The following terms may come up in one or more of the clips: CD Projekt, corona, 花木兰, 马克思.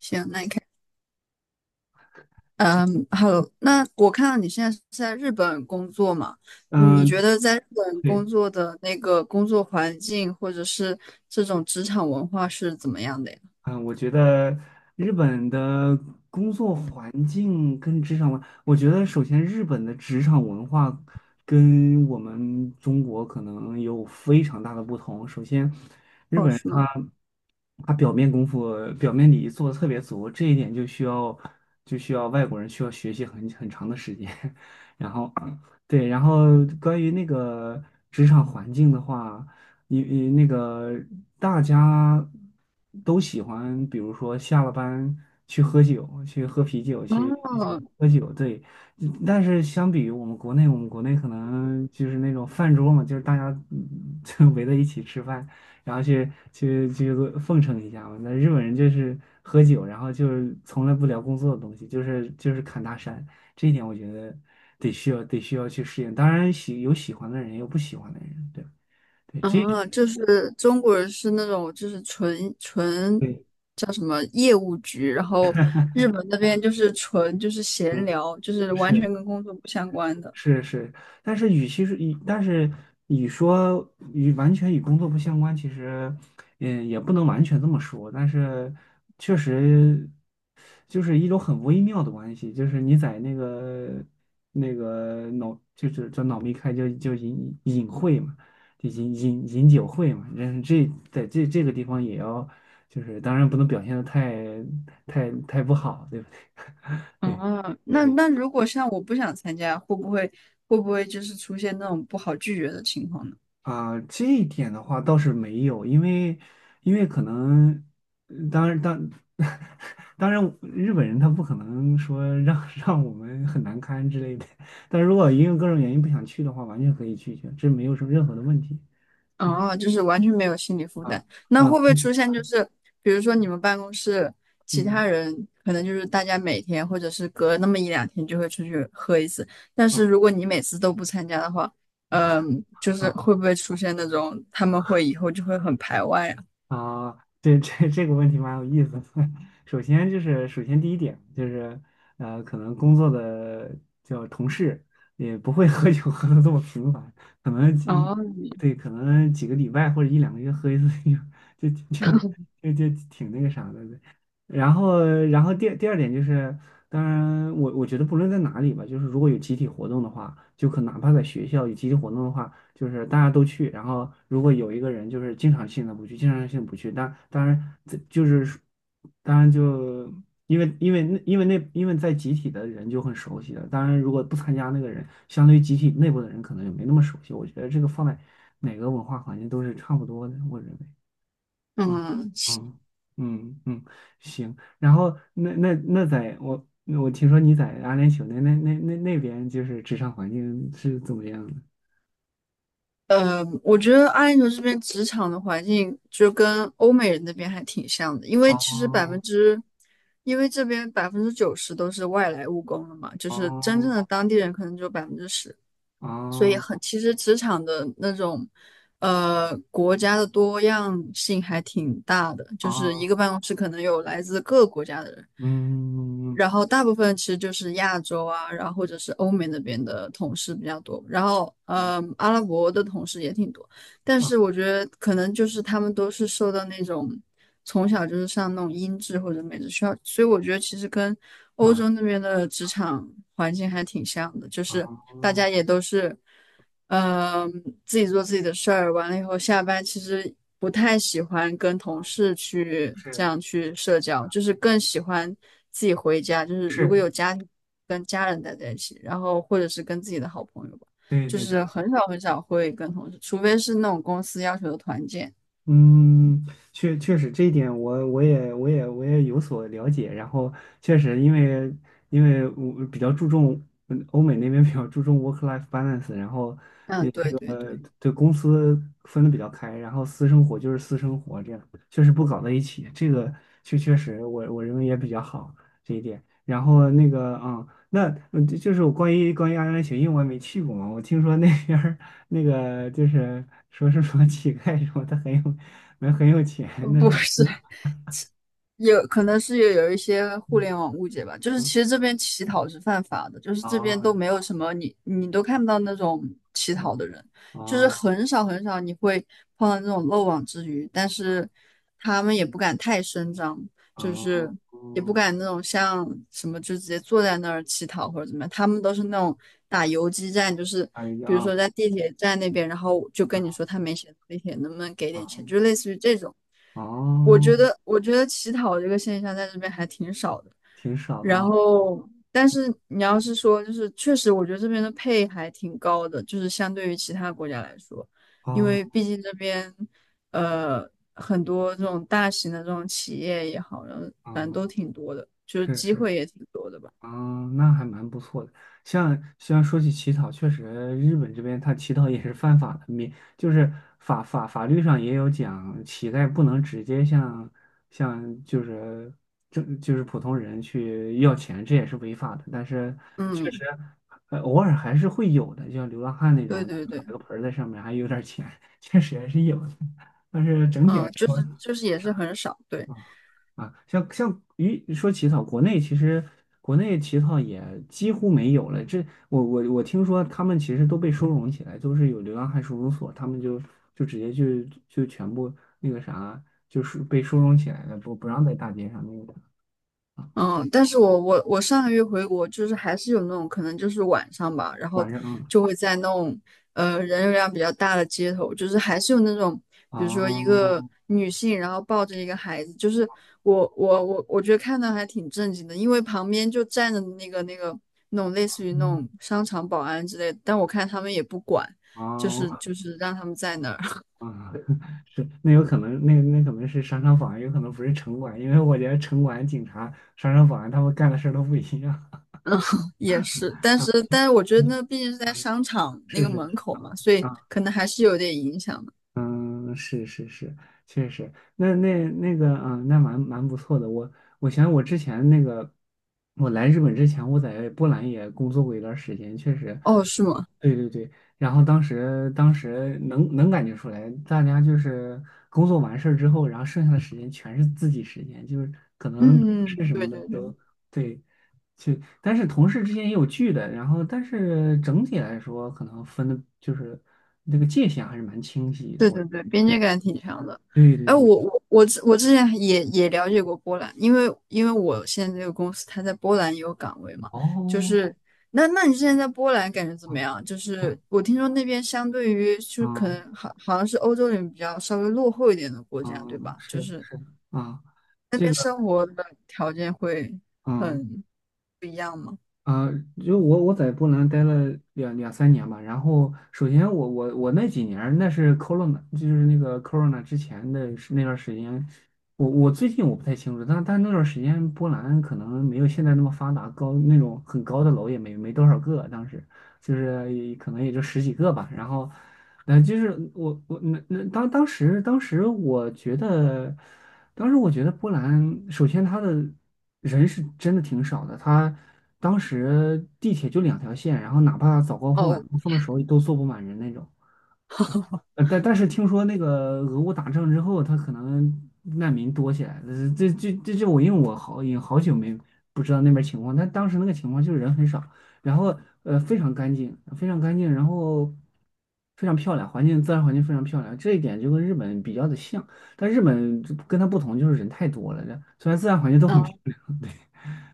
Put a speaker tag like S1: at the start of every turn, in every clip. S1: 行，那你看，嗯，好，那我看到你现在是在日本工作嘛？你觉
S2: 嗯，
S1: 得在日本工
S2: 对，
S1: 作的那个工作环境，或者是这种职场文化是怎么样的呀？
S2: 嗯，我觉得日本的工作环境跟职场文，我觉得首先日本的职场文化跟我们中国可能有非常大的不同。首先，日
S1: 哦，
S2: 本人
S1: 是吗？
S2: 他表面功夫、表面礼仪做的特别足，这一点就需要外国人需要学习很长的时间。然后，对，然后关于那个职场环境的话。你那个大家都喜欢，比如说下了班去喝酒，去喝啤酒，去去酒
S1: 哦，
S2: 喝酒，对。但是相比于我们国内，我们国内可能就是那种饭桌嘛，就是大家就围在一起吃饭，然后去奉承一下嘛。那日本人就是喝酒，然后就是从来不聊工作的东西，就是侃大山，这一点我觉得得需要去适应。当然有喜欢的人，也有不喜欢的人，对吧。对，
S1: 啊，就是中国人是那种就是纯
S2: 对，
S1: 叫什么业务局，然后日本那边就是纯就是闲聊，就是完
S2: 是
S1: 全跟工作不相关的。
S2: 是是，但是与说与完全与工作不相关，其实，也不能完全这么说，但是确实就是一种很微妙的关系，就是你在那个那个脑，就是叫脑密开就隐隐晦嘛，就饮饮饮酒会嘛，这这在这这个地方也要，就是当然不能表现的太不好，对不对？
S1: 哦，
S2: 对。对
S1: 那
S2: 对
S1: 那如果像我不想参加，会不会就是出现那种不好拒绝的情况呢？
S2: 啊，这一点的话倒是没有，因为可能，呃当然当 当然，日本人他不可能说让 让我们很难堪之类的，但如果因为各种原因不想去的话，完全可以拒绝，这没有什么任何的问题。对
S1: 哦，就是完全没有心理负
S2: 啊
S1: 担。那
S2: 啊，
S1: 会不会出现就是，比如说你们办公室其
S2: 嗯
S1: 他人可能就是大家每天或者是隔那么一两天就会出去喝一次，但
S2: 啊。
S1: 是如果你每次都不参加的话，嗯，就是
S2: 啊
S1: 会不会出现那种他们会以后就会很排外啊？
S2: 啊，对这这个问题蛮有意思的 首先就是，首先第一点就是，可能工作的叫同事也不会喝酒 喝的这么频繁，可能一
S1: 哦，
S2: 对，可能几个礼拜或者一两个月喝一次酒，就就就挺那个啥的。然后，然后第二点就是，当然我觉得不论在哪里吧，就是如果有集体活动的话，就哪怕在学校有集体活动的话。就是大家都去，然后如果有一个人就是经常性的不去，经常性地不去，但当然这就是说当然就因为在集体的人就很熟悉了，当然如果不参加那个人，相对于集体内部的人可能就没那么熟悉。我觉得这个放在哪个文化环境都是差不多的，我认为。嗯
S1: 嗯，
S2: 嗯嗯嗯，行。然后那在我听说你在阿联酋那边就是职场环境是怎么样的？
S1: 我觉得阿联酋这边职场的环境就跟欧美人那边还挺像的，
S2: 哦
S1: 因为这边90%都是外来务工了嘛，就是真正
S2: 哦
S1: 的当地人可能只有10%，所以
S2: 哦
S1: 很，其实职场的那种，国家的多样性还挺大的，就是一
S2: 哦，
S1: 个办公室可能有来自各个国家的人，
S2: 嗯
S1: 然后大部分其实就是亚洲啊，然后或者是欧美那边的同事比较多，然后，
S2: 嗯
S1: 阿拉伯的同事也挺多。但
S2: 啊
S1: 是我觉得可能就是他们都是受到那种从小就是上那种音质或者美制学校，所以我觉得其实跟欧
S2: 啊
S1: 洲那边的职场环境还挺像的，就是大
S2: 哦，
S1: 家也都是，嗯、自己做自己的事儿，完了以后下班其实不太喜欢跟同事去这
S2: 是
S1: 样去社交，就是更喜欢自己回家，就是如果
S2: 是，
S1: 有家庭跟家人待在一起，然后或者是跟自己的好朋友吧。
S2: 对
S1: 就
S2: 对
S1: 是
S2: 对。
S1: 很少很少会跟同事，除非是那种公司要求的团建。
S2: 嗯，确确实这一点我也有所了解。然后确实因为我比较注重欧美那边比较注重 work-life balance，然后
S1: 嗯，
S2: 那
S1: 对对
S2: 个
S1: 对，
S2: 对公司分的比较开，然后私生活就是私生活，这样确实不搞在一起。这个确实我认为也比较好这一点。然后那个那就是我关于安联协因为我也没去过嘛，我听说那边儿那个就是说是什么乞丐什么，他很有没有很有钱，
S1: 呃
S2: 那
S1: 不
S2: 是
S1: 是，有可能是有一些互联网误解吧，就是其
S2: 嗯
S1: 实这边乞讨是犯法的，就是
S2: 啊
S1: 这边都
S2: 啊
S1: 没有什么你都看不到那种乞讨的人，就是
S2: 啊
S1: 很少很少你会碰到那种漏网之鱼，但是他们也不敢太声张，
S2: 啊！
S1: 就是也不
S2: 哦
S1: 敢那种像什么就直接坐在那儿乞讨或者怎么样，他们都是那种打游击战，就是
S2: 哎
S1: 比如
S2: 呀
S1: 说在地铁站那边，然后就跟你
S2: 啊
S1: 说他没钱，地铁能不能给点
S2: 啊
S1: 钱，就类似于这种。
S2: 啊！
S1: 我觉得乞讨这个现象在这边还挺少的。
S2: 挺少的啊
S1: 然后，但是你要是说，就是确实，我觉得这边的配还挺高的，就是相对于其他国家来说，因为
S2: 啊
S1: 毕竟这边，呃，很多这种大型的这种企业也好，然后反正
S2: 啊！
S1: 都挺多的，就是机
S2: 是
S1: 会也挺多的吧。
S2: 嗯，那还蛮不错的。像说起乞讨，确实日本这边他乞讨也是犯法的，免就是法律上也有讲，乞丐不能直接向就是就是普通人去要钱，这也是违法的。但是确
S1: 嗯，
S2: 实，偶尔还是会有的，就像流浪汉那
S1: 对
S2: 种，
S1: 对
S2: 摆
S1: 对，
S2: 个盆儿在上面还有点儿钱，确实还是有的。但是整体来
S1: 嗯，就
S2: 说，
S1: 是
S2: 啊。
S1: 就是也是很少，对。
S2: 啊，像于说起草，国内其实国内起草也几乎没有了。这我听说他们其实都被收容起来，就是有流浪汉收容所，他们就直接全部那个啥，就是被收容起来了，不让在大街上那个啥啊，
S1: 嗯，但是我上个月回国，就是还是有那种可能就是晚上吧，然后
S2: 晚上啊，
S1: 就会在那种呃人流量比较大的街头，就是还是有那种，比如说一个
S2: 哦
S1: 女性，然后抱着一个孩子，就是我觉得看到还挺震惊的，因为旁边就站着那种类似于那
S2: 嗯
S1: 种商场保安之类的，但我看他们也不管，就
S2: 哦
S1: 是就是让他们在那儿。
S2: 啊，是那有可能那可能是商场保安，有可能不是城管，因为我觉得城管、警察、商场保安他们干的事儿都不一样
S1: 嗯，也 是，但
S2: 啊，
S1: 是但是我觉得那毕竟是在商场那
S2: 是是
S1: 个
S2: 是
S1: 门口
S2: 啊。
S1: 嘛，所以可能还是有点影响的。
S2: 嗯，是是是，确实，那那那个，嗯，那蛮不错的。我想我之前那个，我来日本之前，我在波兰也工作过一段时间，确实，
S1: 哦，是吗？
S2: 对对对。然后当时能感觉出来，大家就是工作完事儿之后，然后剩下的时间全是自己时间，就是可能
S1: 嗯，嗯
S2: 是什
S1: 对
S2: 么的
S1: 对对
S2: 都对。去，但是同事之间也有聚的，然后但是整体来说，可能分的就是那个界限还是蛮清晰的。
S1: 对
S2: 我
S1: 对对，边
S2: 对
S1: 界感挺强的。
S2: 对对
S1: 哎，
S2: 对，
S1: 我之前也也了解过波兰，因为我现在这个公司它在波兰也有岗位嘛，就
S2: 哦，
S1: 是那你之前在波兰感觉怎么
S2: 啊
S1: 样？就是
S2: 哇，
S1: 我听说那边相对于就是可
S2: 啊
S1: 能好像是欧洲里面比较稍微落后一点的国
S2: 啊，
S1: 家，对吧？就
S2: 是
S1: 是
S2: 是啊，
S1: 那
S2: 这
S1: 边
S2: 个
S1: 生活的条件会
S2: 嗯。
S1: 很
S2: 啊、就我在波兰待了两三年吧，然后首先我那几年儿那是 corona，就是那个 corona 之前的是那段儿时间，我最近我不太清楚，但那段儿时间波兰可能没有现在那么发达，高那种很高的楼也没多少个，当时就是也可能也就十几个吧，然后，就是我那那当时当时我觉得。当时我觉得波兰，首先它的人是真的挺少的，它当时地铁就两条线，然后哪怕早高峰、晚
S1: 哦，
S2: 高峰的时候都坐不满人那种。但是听说那个俄乌打仗之后，他可能难民多起来了。这这这这，我因为我好也好久没不知道那边情况，但当时那个情况就是人很少，然后非常干净，非常干净，然后非常漂亮，环境自然环境非常漂亮。这一点就跟日本比较的像，但日本就跟它不同就是人太多了，这虽然自然环境都很漂
S1: 嗯
S2: 亮，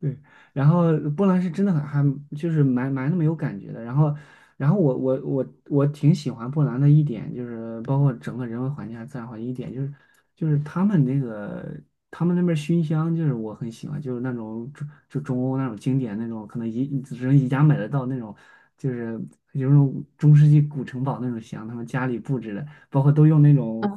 S2: 对，然后波兰是真的很还就是蛮那么有感觉的。然后，然后我挺喜欢波兰的一点就是，包括整个人文环境啊、自然环境一点就是，就是他们那个他们那边熏香，就是我很喜欢，就是那种中就中欧那种经典那种，可能宜只能宜家买得到那种，就是有那种中世纪古城堡那种香，他们家里布置的。包括都用那种，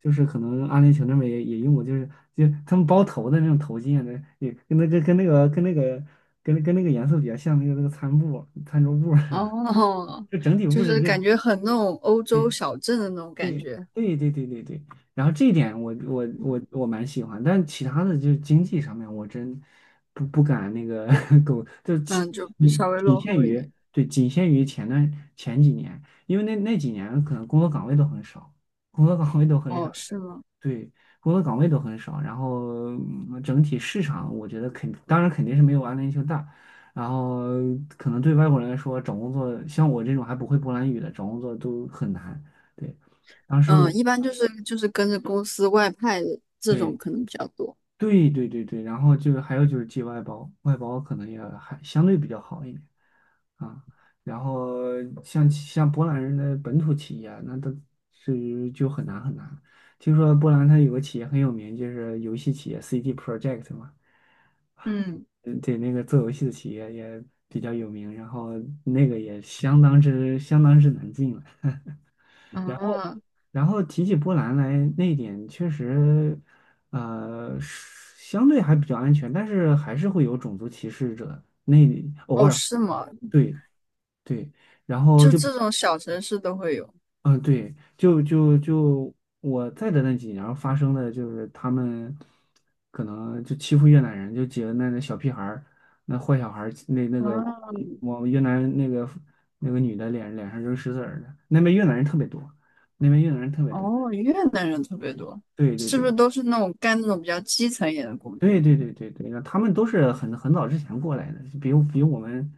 S2: 就是可能阿联酋那边也用过，就是就他们包头的那种头巾啊，那也跟那个颜色比较像，那个那个餐布餐桌布是吧？
S1: 哦，
S2: 就整体布
S1: 就
S2: 置
S1: 是
S2: 就。
S1: 感觉很那种欧洲
S2: 嗯。
S1: 小镇的那种感
S2: 对
S1: 觉，
S2: 对对对对对，然后这一点我蛮喜欢，但其他的就是经济上面，我真不敢那个 狗，就其
S1: 嗯，就比
S2: 嗯
S1: 稍微
S2: 仅
S1: 落
S2: 限
S1: 后一点。
S2: 于对仅限于前几年，因为那几年可能工作岗位都很少，工作岗位都很
S1: 哦，
S2: 少，
S1: 是吗？
S2: 对，工作岗位都很少，然后整体市场我觉得当然肯定是没有阿联酋大，然后可能对外国人来说找工作，像我这种还不会波兰语的找工作都很难。对。当时
S1: 嗯，
S2: 我
S1: 一般就是就是跟着公司外派的这种可能比较多。
S2: 对对对对对，然后就是还有就是寄外包，外包可能也还相对比较好一点啊。然后像波兰人的本土企业啊，那都是就很难很难。听说波兰它有个企业很有名，就是游戏企业 CDProject 嘛，
S1: 嗯
S2: 嗯对，那个做游戏的企业也比较有名，然后那个也相当之难进了。然
S1: 嗯，
S2: 然后提起波兰来，那一点确实，是相对还比较安全，但是还是会有种族歧视者，那里偶
S1: 哦，
S2: 尔，
S1: 是吗？
S2: 对对，然后
S1: 就
S2: 就，
S1: 这种小城市都会有。
S2: 嗯、对，就我在的那几年发生的就是他们可能就欺负越南人，就几个那那小屁孩儿，那坏小孩儿，那那个往
S1: 嗯，
S2: 往越南那个那个女的脸上扔石子儿的，那边越南人特别多，那边越南人特别多，
S1: 哦，越南人特别多，
S2: 对对
S1: 是不是
S2: 对。
S1: 都是那种干那种比较基层一点的工
S2: 对
S1: 作？
S2: 对对对对，那他们都是很很早之前过来的，比我们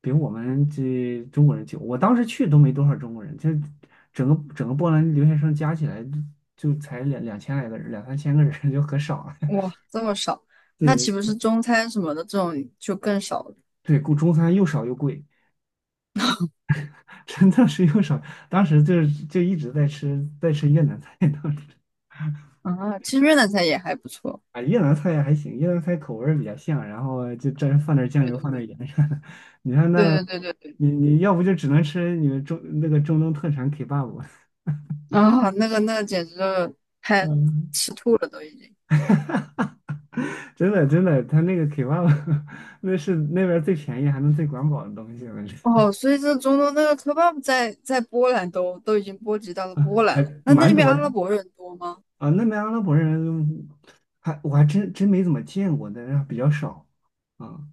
S2: 比我们这中国人久。我当时去都没多少中国人，就整个整个波兰留学生加起来就才两千来个人，两三千个人 就很少了。
S1: 哇，这么少，那
S2: 对
S1: 岂不是中餐什么的这种就更少了
S2: 对，顾中餐又少又贵，真的是又少。当时就是就一直在吃越南菜，当时。
S1: 啊？其实越南菜也还不错。
S2: 啊，越南菜还行，越南菜口味儿比较像，然后就真放点儿酱
S1: 对
S2: 油，
S1: 对
S2: 放点儿
S1: 对
S2: 盐啥的。你看那，
S1: 对对对对
S2: 你要不就只能吃你们中那个中东特产 kebab，
S1: 对啊，那个那个简直就 太
S2: 嗯，
S1: 吃吐了都已经。
S2: 真的真的，他那个 kebab 那是那边儿最便宜还能最管饱的东西了，这
S1: 哦，所以这中东那个 kebab 在波兰都已经波及到了波
S2: 啊，
S1: 兰了。
S2: 还
S1: 那那
S2: 蛮
S1: 边
S2: 多
S1: 阿
S2: 的
S1: 拉伯人多吗？
S2: 啊。那边阿拉伯人还我还真真没怎么见过但是比较少啊。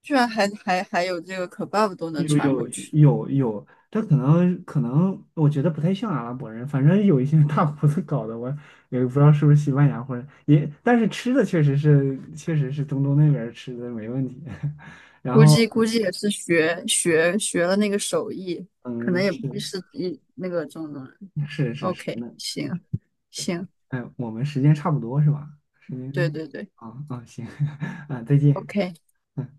S1: 居然还有这个 kebab 都能
S2: 有
S1: 传
S2: 有
S1: 过去，
S2: 有，这可能可能，我觉得不太像阿拉伯人，反正有一些 大胡子搞的，我也不知道是不是西班牙或者也，但是吃的确实是确实是中东那边儿吃的没问题。然
S1: 估
S2: 后
S1: 计估计也是学了那个手艺，可
S2: 嗯，
S1: 能也
S2: 是
S1: 不是一那个中东人。
S2: 是是是，
S1: OK，
S2: 那
S1: 行行。
S2: 哎，我们时间差不多是吧？时
S1: 对
S2: 间
S1: 对对
S2: 啊啊行 啊，再见。
S1: ，OK。
S2: 嗯